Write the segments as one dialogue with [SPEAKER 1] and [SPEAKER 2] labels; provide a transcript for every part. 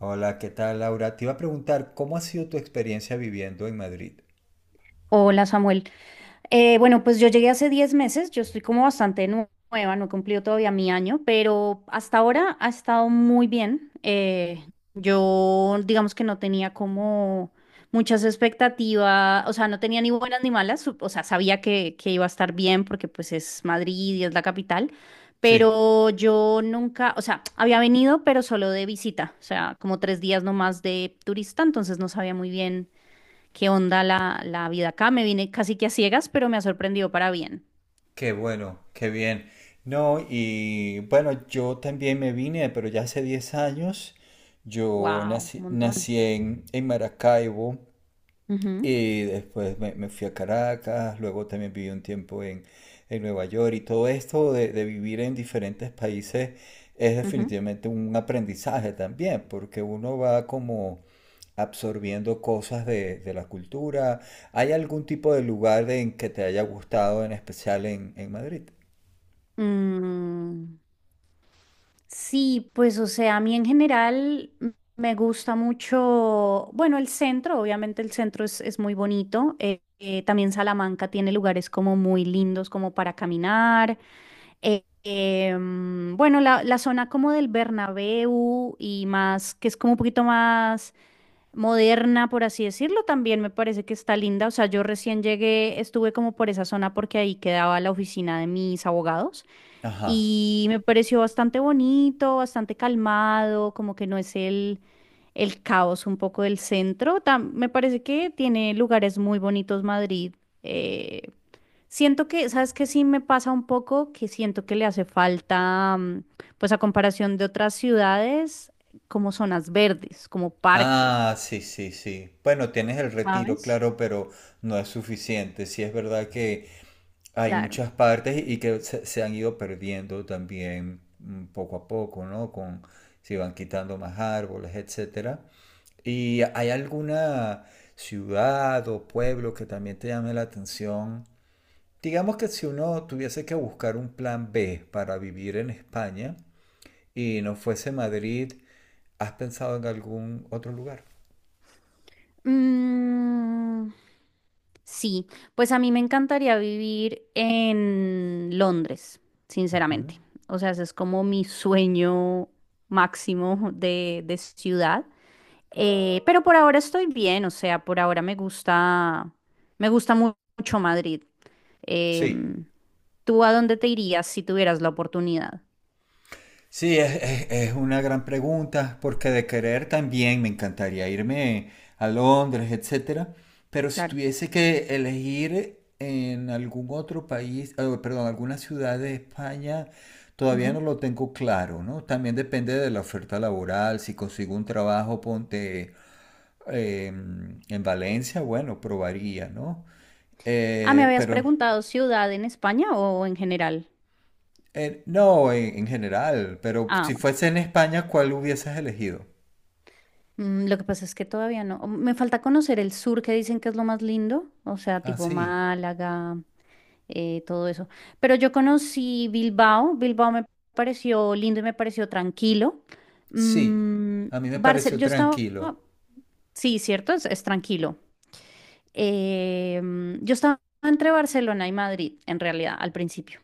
[SPEAKER 1] Hola, ¿qué tal, Laura? Te iba a preguntar, ¿cómo ha sido tu experiencia viviendo en Madrid?
[SPEAKER 2] Hola Samuel. Yo llegué hace 10 meses, yo estoy como bastante nueva, no he cumplido todavía mi año, pero hasta ahora ha estado muy bien. Yo digamos que no tenía como muchas expectativas, o sea, no tenía ni buenas ni malas, o sea, sabía que iba a estar bien porque pues es Madrid y es la capital,
[SPEAKER 1] Sí.
[SPEAKER 2] pero yo nunca, o sea, había venido, pero solo de visita, o sea, como 3 días nomás de turista, entonces no sabía muy bien. ¿Qué onda la vida acá? Me vine casi que a ciegas, pero me ha sorprendido para bien.
[SPEAKER 1] Qué bueno, qué bien. No, y bueno, yo también me vine, pero ya hace 10 años. Yo
[SPEAKER 2] Wow, un
[SPEAKER 1] nací,
[SPEAKER 2] montón.
[SPEAKER 1] nací en Maracaibo.
[SPEAKER 2] Ujú,
[SPEAKER 1] Y después me fui a Caracas, luego también viví un tiempo en Nueva York, y todo esto de vivir en diferentes países es
[SPEAKER 2] ujú.
[SPEAKER 1] definitivamente un aprendizaje también, porque uno va como absorbiendo cosas de la cultura. ¿Hay algún tipo de lugar en que te haya gustado en especial en Madrid?
[SPEAKER 2] Mm, sí, pues o sea, a mí en general me gusta mucho, bueno, el centro, obviamente el centro es muy bonito. También Salamanca tiene lugares como muy lindos como para caminar. Bueno, la zona como del Bernabéu y más, que es como un poquito más moderna, por así decirlo, también me parece que está linda. O sea, yo recién llegué, estuve como por esa zona porque ahí quedaba la oficina de mis abogados
[SPEAKER 1] Ajá.
[SPEAKER 2] y me pareció bastante bonito, bastante calmado, como que no es el caos un poco del centro. Me parece que tiene lugares muy bonitos Madrid. Eh, Siento que, ¿sabes qué? Sí me pasa un poco que siento que le hace falta, pues a comparación de otras ciudades, como zonas verdes, como
[SPEAKER 1] Ah,
[SPEAKER 2] parques.
[SPEAKER 1] sí, sí, sí. Bueno, tienes el Retiro,
[SPEAKER 2] ¿Sabes?
[SPEAKER 1] claro, pero no es suficiente. Sí es verdad que hay
[SPEAKER 2] Claro.
[SPEAKER 1] muchas partes y que se han ido perdiendo también, poco a poco, ¿no? Se van quitando más árboles, etcétera. ¿Y hay alguna ciudad o pueblo que también te llame la atención? Digamos que si uno tuviese que buscar un plan B para vivir en España y no fuese Madrid, ¿has pensado en algún otro lugar?
[SPEAKER 2] Mm, sí, pues a mí me encantaría vivir en Londres,
[SPEAKER 1] Ujú.
[SPEAKER 2] sinceramente. O sea, ese es como mi sueño máximo de ciudad. Pero por ahora estoy bien, o sea, por ahora me gusta mucho Madrid.
[SPEAKER 1] Sí.
[SPEAKER 2] Em, ¿Tú a dónde te irías si tuvieras la oportunidad?
[SPEAKER 1] Sí, es una gran pregunta, porque de querer también me encantaría irme a Londres, etcétera, pero si
[SPEAKER 2] Claro.
[SPEAKER 1] tuviese que elegir en algún otro país, perdón, alguna ciudad de España, todavía no
[SPEAKER 2] Ujú.
[SPEAKER 1] lo tengo claro, ¿no? También depende de la oferta laboral, si consigo un trabajo, ponte eh, en Valencia, bueno, probaría, ¿no?
[SPEAKER 2] Ah, ¿me habías
[SPEAKER 1] Pero.
[SPEAKER 2] preguntado ciudad en España o en general?
[SPEAKER 1] No, en general, pero
[SPEAKER 2] Ah,
[SPEAKER 1] si fuese en España, ¿cuál hubieses elegido?
[SPEAKER 2] mm, lo que pasa es que todavía no. Me falta conocer el sur, que dicen que es lo más lindo, o sea,
[SPEAKER 1] Ah,
[SPEAKER 2] tipo
[SPEAKER 1] sí,
[SPEAKER 2] Málaga, todo eso. Pero yo conocí Bilbao, Bilbao me pareció lindo y me pareció tranquilo.
[SPEAKER 1] sí.
[SPEAKER 2] Mm,
[SPEAKER 1] A mí me pareció
[SPEAKER 2] Yo estaba,
[SPEAKER 1] tranquilo.
[SPEAKER 2] sí, cierto, es tranquilo. Yo estaba entre Barcelona y Madrid, en realidad, al principio.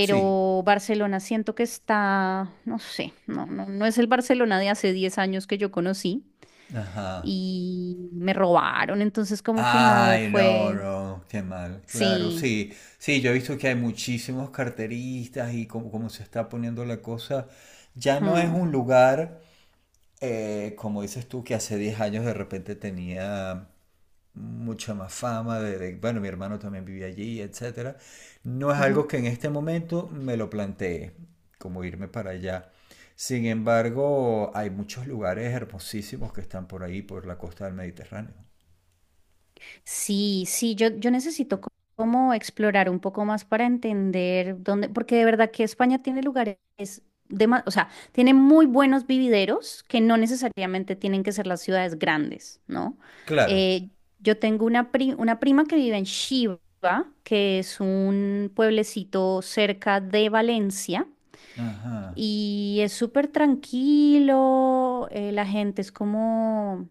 [SPEAKER 1] Sí.
[SPEAKER 2] Barcelona siento que está, no sé, no es el Barcelona de hace 10 años que yo conocí
[SPEAKER 1] Ajá.
[SPEAKER 2] y me robaron, entonces como que no
[SPEAKER 1] Ay, no,
[SPEAKER 2] fue,
[SPEAKER 1] no, qué mal. Claro,
[SPEAKER 2] sí.
[SPEAKER 1] sí. Sí, yo he visto que hay muchísimos carteristas y como se está poniendo la cosa, ya no es
[SPEAKER 2] Ujú,
[SPEAKER 1] un lugar, como dices tú, que hace 10 años de repente tenía mucha más fama, bueno, mi hermano también vivía allí, etcétera. No es
[SPEAKER 2] ujú.
[SPEAKER 1] algo que en este momento me lo planteé, como irme para allá. Sin embargo, hay muchos lugares hermosísimos que están por ahí, por la costa del Mediterráneo.
[SPEAKER 2] Sí, sí, yo necesito como explorar un poco más para entender dónde, porque de verdad que España tiene lugares de o sea, tiene muy buenos vivideros que no necesariamente tienen que ser las ciudades grandes, ¿no?
[SPEAKER 1] Claro.
[SPEAKER 2] Eh, yo tengo una prima que vive en Chiva, que es un pueblecito cerca de Valencia.
[SPEAKER 1] Ajá.
[SPEAKER 2] Y es súper tranquilo, la gente es como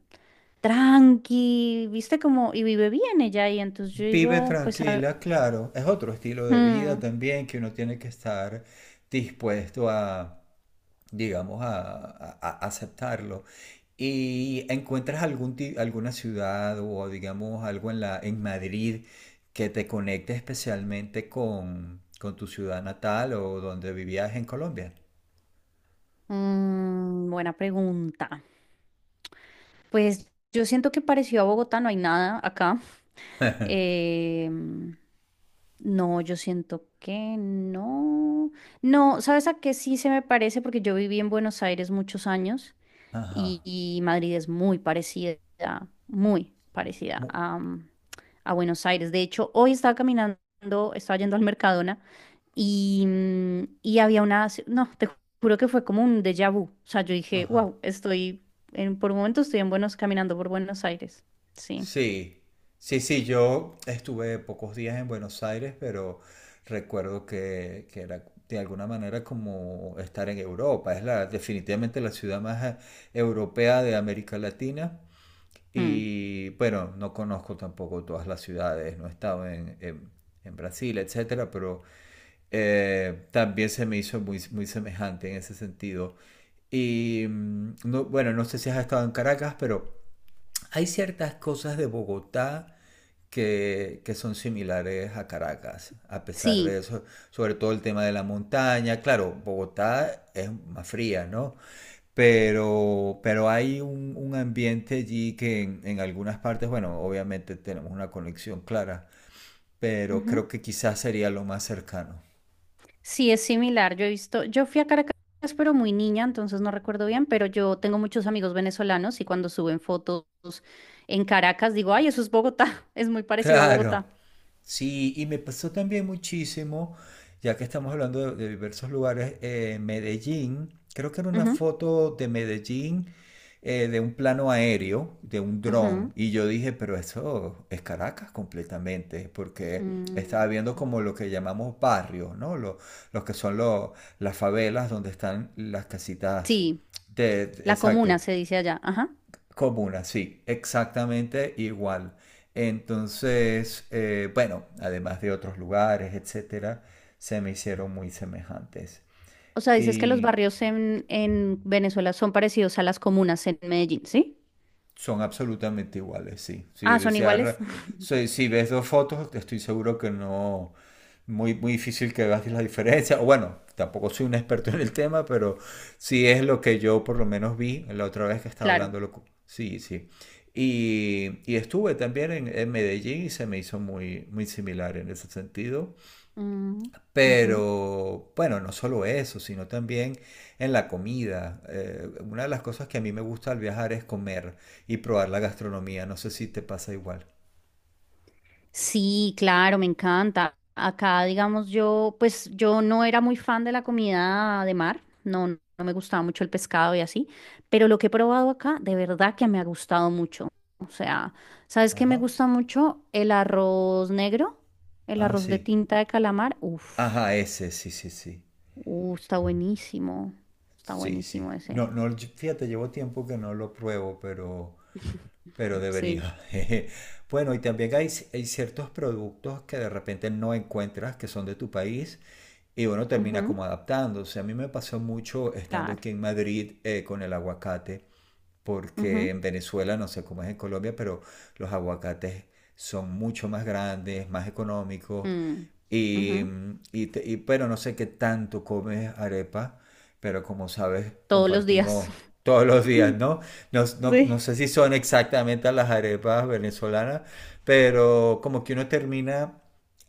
[SPEAKER 2] tranqui, viste como, y vive bien ella. Y entonces yo
[SPEAKER 1] Vive
[SPEAKER 2] digo, pues,
[SPEAKER 1] tranquila, claro. Es otro estilo de vida
[SPEAKER 2] mm,
[SPEAKER 1] también que uno tiene que estar dispuesto a, digamos, a aceptarlo. Y encuentras alguna ciudad o, digamos, algo en Madrid que te conecte especialmente con tu ciudad natal o donde vivías en Colombia.
[SPEAKER 2] buena pregunta. Pues yo siento que parecido a Bogotá no hay nada acá. Em, no, yo siento que no. No, ¿sabes a qué sí se me parece? Porque yo viví en Buenos Aires muchos años.
[SPEAKER 1] Ajá.
[SPEAKER 2] Y, y Madrid es muy parecida
[SPEAKER 1] Mu-
[SPEAKER 2] a, a Buenos Aires. De hecho, hoy estaba caminando, estaba yendo al Mercadona y, y había no, te juro que fue como un déjà vu. O sea, yo dije,
[SPEAKER 1] Ajá.
[SPEAKER 2] wow, estoy, en, por un momento estoy en Buenos, caminando por Buenos Aires. Sí.
[SPEAKER 1] Sí. Sí, sí, yo estuve pocos días en Buenos Aires, pero recuerdo que era de alguna manera como estar en Europa. Es definitivamente la ciudad más europea de América Latina.
[SPEAKER 2] Mm.
[SPEAKER 1] Y bueno, no conozco tampoco todas las ciudades, no he estado en, en Brasil, etcétera, pero también se me hizo muy, muy semejante en ese sentido. Y no, bueno, no sé si has estado en Caracas, pero hay ciertas cosas de Bogotá que son similares a Caracas, a pesar de
[SPEAKER 2] Sí.
[SPEAKER 1] eso, sobre todo el tema de la montaña. Claro, Bogotá es más fría, ¿no? Pero hay un ambiente allí que en algunas partes, bueno, obviamente tenemos una conexión clara, pero creo que quizás sería lo más cercano.
[SPEAKER 2] Sí, es similar. Yo he visto, yo fui a Caracas, pero muy niña, entonces no recuerdo bien, pero yo tengo muchos amigos venezolanos y cuando suben fotos en Caracas digo, ay, eso es Bogotá, es muy parecido a
[SPEAKER 1] Claro.
[SPEAKER 2] Bogotá.
[SPEAKER 1] Sí, y me pasó también muchísimo, ya que estamos hablando de diversos lugares, en Medellín, creo que era una
[SPEAKER 2] Ujú,
[SPEAKER 1] foto de Medellín, de un plano aéreo, de un
[SPEAKER 2] ujú.
[SPEAKER 1] dron, y yo dije, pero eso es Caracas completamente, porque
[SPEAKER 2] Mm,
[SPEAKER 1] estaba viendo como lo que llamamos barrios, ¿no? Los que son las favelas donde están las casitas
[SPEAKER 2] sí, la comuna
[SPEAKER 1] exacto.
[SPEAKER 2] se dice allá. Ajá.
[SPEAKER 1] Comuna, sí, exactamente igual. Entonces, bueno, además de otros lugares, etcétera, se me hicieron muy semejantes.
[SPEAKER 2] O sea, dices que los
[SPEAKER 1] Y
[SPEAKER 2] barrios en Venezuela son parecidos a las comunas en Medellín, ¿sí?
[SPEAKER 1] son absolutamente iguales, sí. Sí,
[SPEAKER 2] Ah,
[SPEAKER 1] o
[SPEAKER 2] son
[SPEAKER 1] sea,
[SPEAKER 2] iguales.
[SPEAKER 1] si, si ves dos fotos, estoy seguro que no, muy, muy difícil que veas la diferencia. O bueno, tampoco soy un experto en el tema, pero sí es lo que yo por lo menos vi la otra vez que estaba
[SPEAKER 2] Claro.
[SPEAKER 1] hablando. Sí, sí. Y estuve también en Medellín y se me hizo muy, muy similar en ese sentido.
[SPEAKER 2] Mm, ujú.
[SPEAKER 1] Pero bueno, no solo eso, sino también en la comida. Una de las cosas que a mí me gusta al viajar es comer y probar la gastronomía. No sé si te pasa igual.
[SPEAKER 2] Sí, claro, me encanta. Acá, digamos, yo, pues yo no era muy fan de la comida de mar, no, no no me gustaba mucho el pescado y así, pero lo que he probado acá, de verdad que me ha gustado mucho. O sea, ¿sabes qué me
[SPEAKER 1] Ajá.
[SPEAKER 2] gusta mucho? El arroz negro, el
[SPEAKER 1] Ah,
[SPEAKER 2] arroz de
[SPEAKER 1] sí.
[SPEAKER 2] tinta de calamar.
[SPEAKER 1] Ajá,
[SPEAKER 2] Uf,
[SPEAKER 1] ese, sí, sí, sí.
[SPEAKER 2] uh, está buenísimo, está
[SPEAKER 1] Sí, sí.
[SPEAKER 2] buenísimo ese.
[SPEAKER 1] No, no, fíjate, llevo tiempo que no lo pruebo, pero debería.
[SPEAKER 2] Sí,
[SPEAKER 1] Jeje. Bueno, y también hay ciertos productos que de repente no encuentras que son de tu país. Y bueno, termina
[SPEAKER 2] ujú,
[SPEAKER 1] como adaptándose. A mí me pasó mucho estando
[SPEAKER 2] claro,
[SPEAKER 1] aquí en Madrid, con el aguacate, porque
[SPEAKER 2] ujú,
[SPEAKER 1] en Venezuela, no sé cómo es en Colombia, pero los aguacates son mucho más grandes, más económicos.
[SPEAKER 2] mm, ujú,
[SPEAKER 1] Pero no sé qué tanto comes arepa, pero como sabes,
[SPEAKER 2] todos los días.
[SPEAKER 1] compartimos todos los días, ¿no? No, no, no
[SPEAKER 2] Sí,
[SPEAKER 1] sé si son exactamente las arepas venezolanas, pero como que uno termina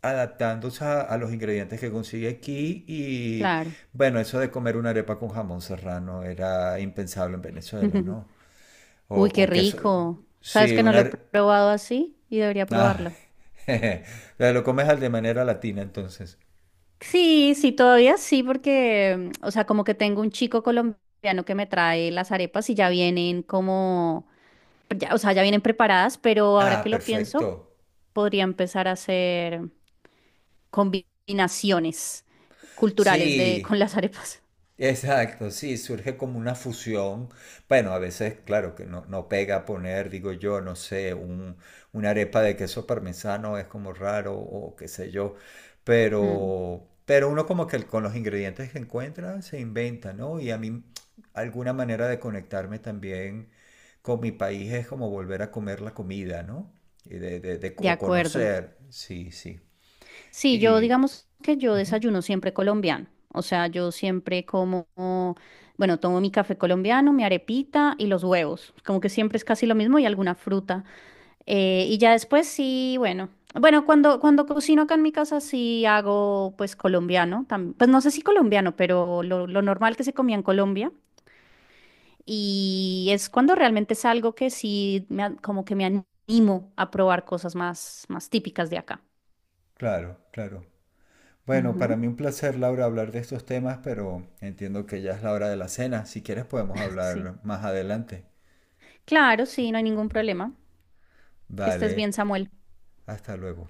[SPEAKER 1] adaptándose a los ingredientes que consigue aquí y
[SPEAKER 2] claro.
[SPEAKER 1] bueno, eso de comer una arepa con jamón serrano era impensable en Venezuela, ¿no? O
[SPEAKER 2] Uy, qué
[SPEAKER 1] con queso.
[SPEAKER 2] rico.
[SPEAKER 1] Sí,
[SPEAKER 2] ¿Sabes que no
[SPEAKER 1] una...
[SPEAKER 2] lo he probado así y debería
[SPEAKER 1] Ah.
[SPEAKER 2] probarlo?
[SPEAKER 1] Jeje. Lo comes al de manera latina, entonces.
[SPEAKER 2] Sí, sí, todavía sí, porque, o sea, como que tengo un chico colombiano que me trae las arepas y ya vienen como, o sea, ya vienen preparadas, pero ahora
[SPEAKER 1] Ah,
[SPEAKER 2] que lo pienso,
[SPEAKER 1] perfecto.
[SPEAKER 2] podría empezar a hacer combinaciones culturales de,
[SPEAKER 1] Sí.
[SPEAKER 2] con las arepas.
[SPEAKER 1] Exacto, sí, surge como una fusión. Bueno, a veces, claro, que no, no pega poner, digo yo, no sé, una arepa de queso parmesano es como raro o qué sé yo,
[SPEAKER 2] Mm,
[SPEAKER 1] pero uno como que con los ingredientes que encuentra se inventa, ¿no? Y a mí alguna manera de conectarme también con mi país es como volver a comer la comida, ¿no? Y
[SPEAKER 2] de
[SPEAKER 1] o
[SPEAKER 2] acuerdo.
[SPEAKER 1] conocer, sí, sí.
[SPEAKER 2] Sí, yo
[SPEAKER 1] Y,
[SPEAKER 2] digamos que yo
[SPEAKER 1] ujú,
[SPEAKER 2] desayuno siempre colombiano. O sea, yo siempre como, bueno, tomo mi café colombiano, mi arepita y los huevos. Como que siempre es casi lo mismo y alguna fruta. Y ya después sí, bueno. Bueno, cuando cocino acá en mi casa sí hago pues colombiano. Pues no sé si colombiano, pero lo normal que se comía en Colombia. Y es cuando realmente es algo que sí me, como que me animo a probar cosas más, más típicas de acá.
[SPEAKER 1] claro, claro. Bueno, para
[SPEAKER 2] Ujú,
[SPEAKER 1] mí un placer, Laura, hablar de estos temas, pero entiendo que ya es la hora de la cena. Si quieres podemos
[SPEAKER 2] sí.
[SPEAKER 1] hablar más adelante.
[SPEAKER 2] Claro, sí, no hay ningún problema. Que estés
[SPEAKER 1] Vale,
[SPEAKER 2] bien, Samuel.
[SPEAKER 1] hasta luego.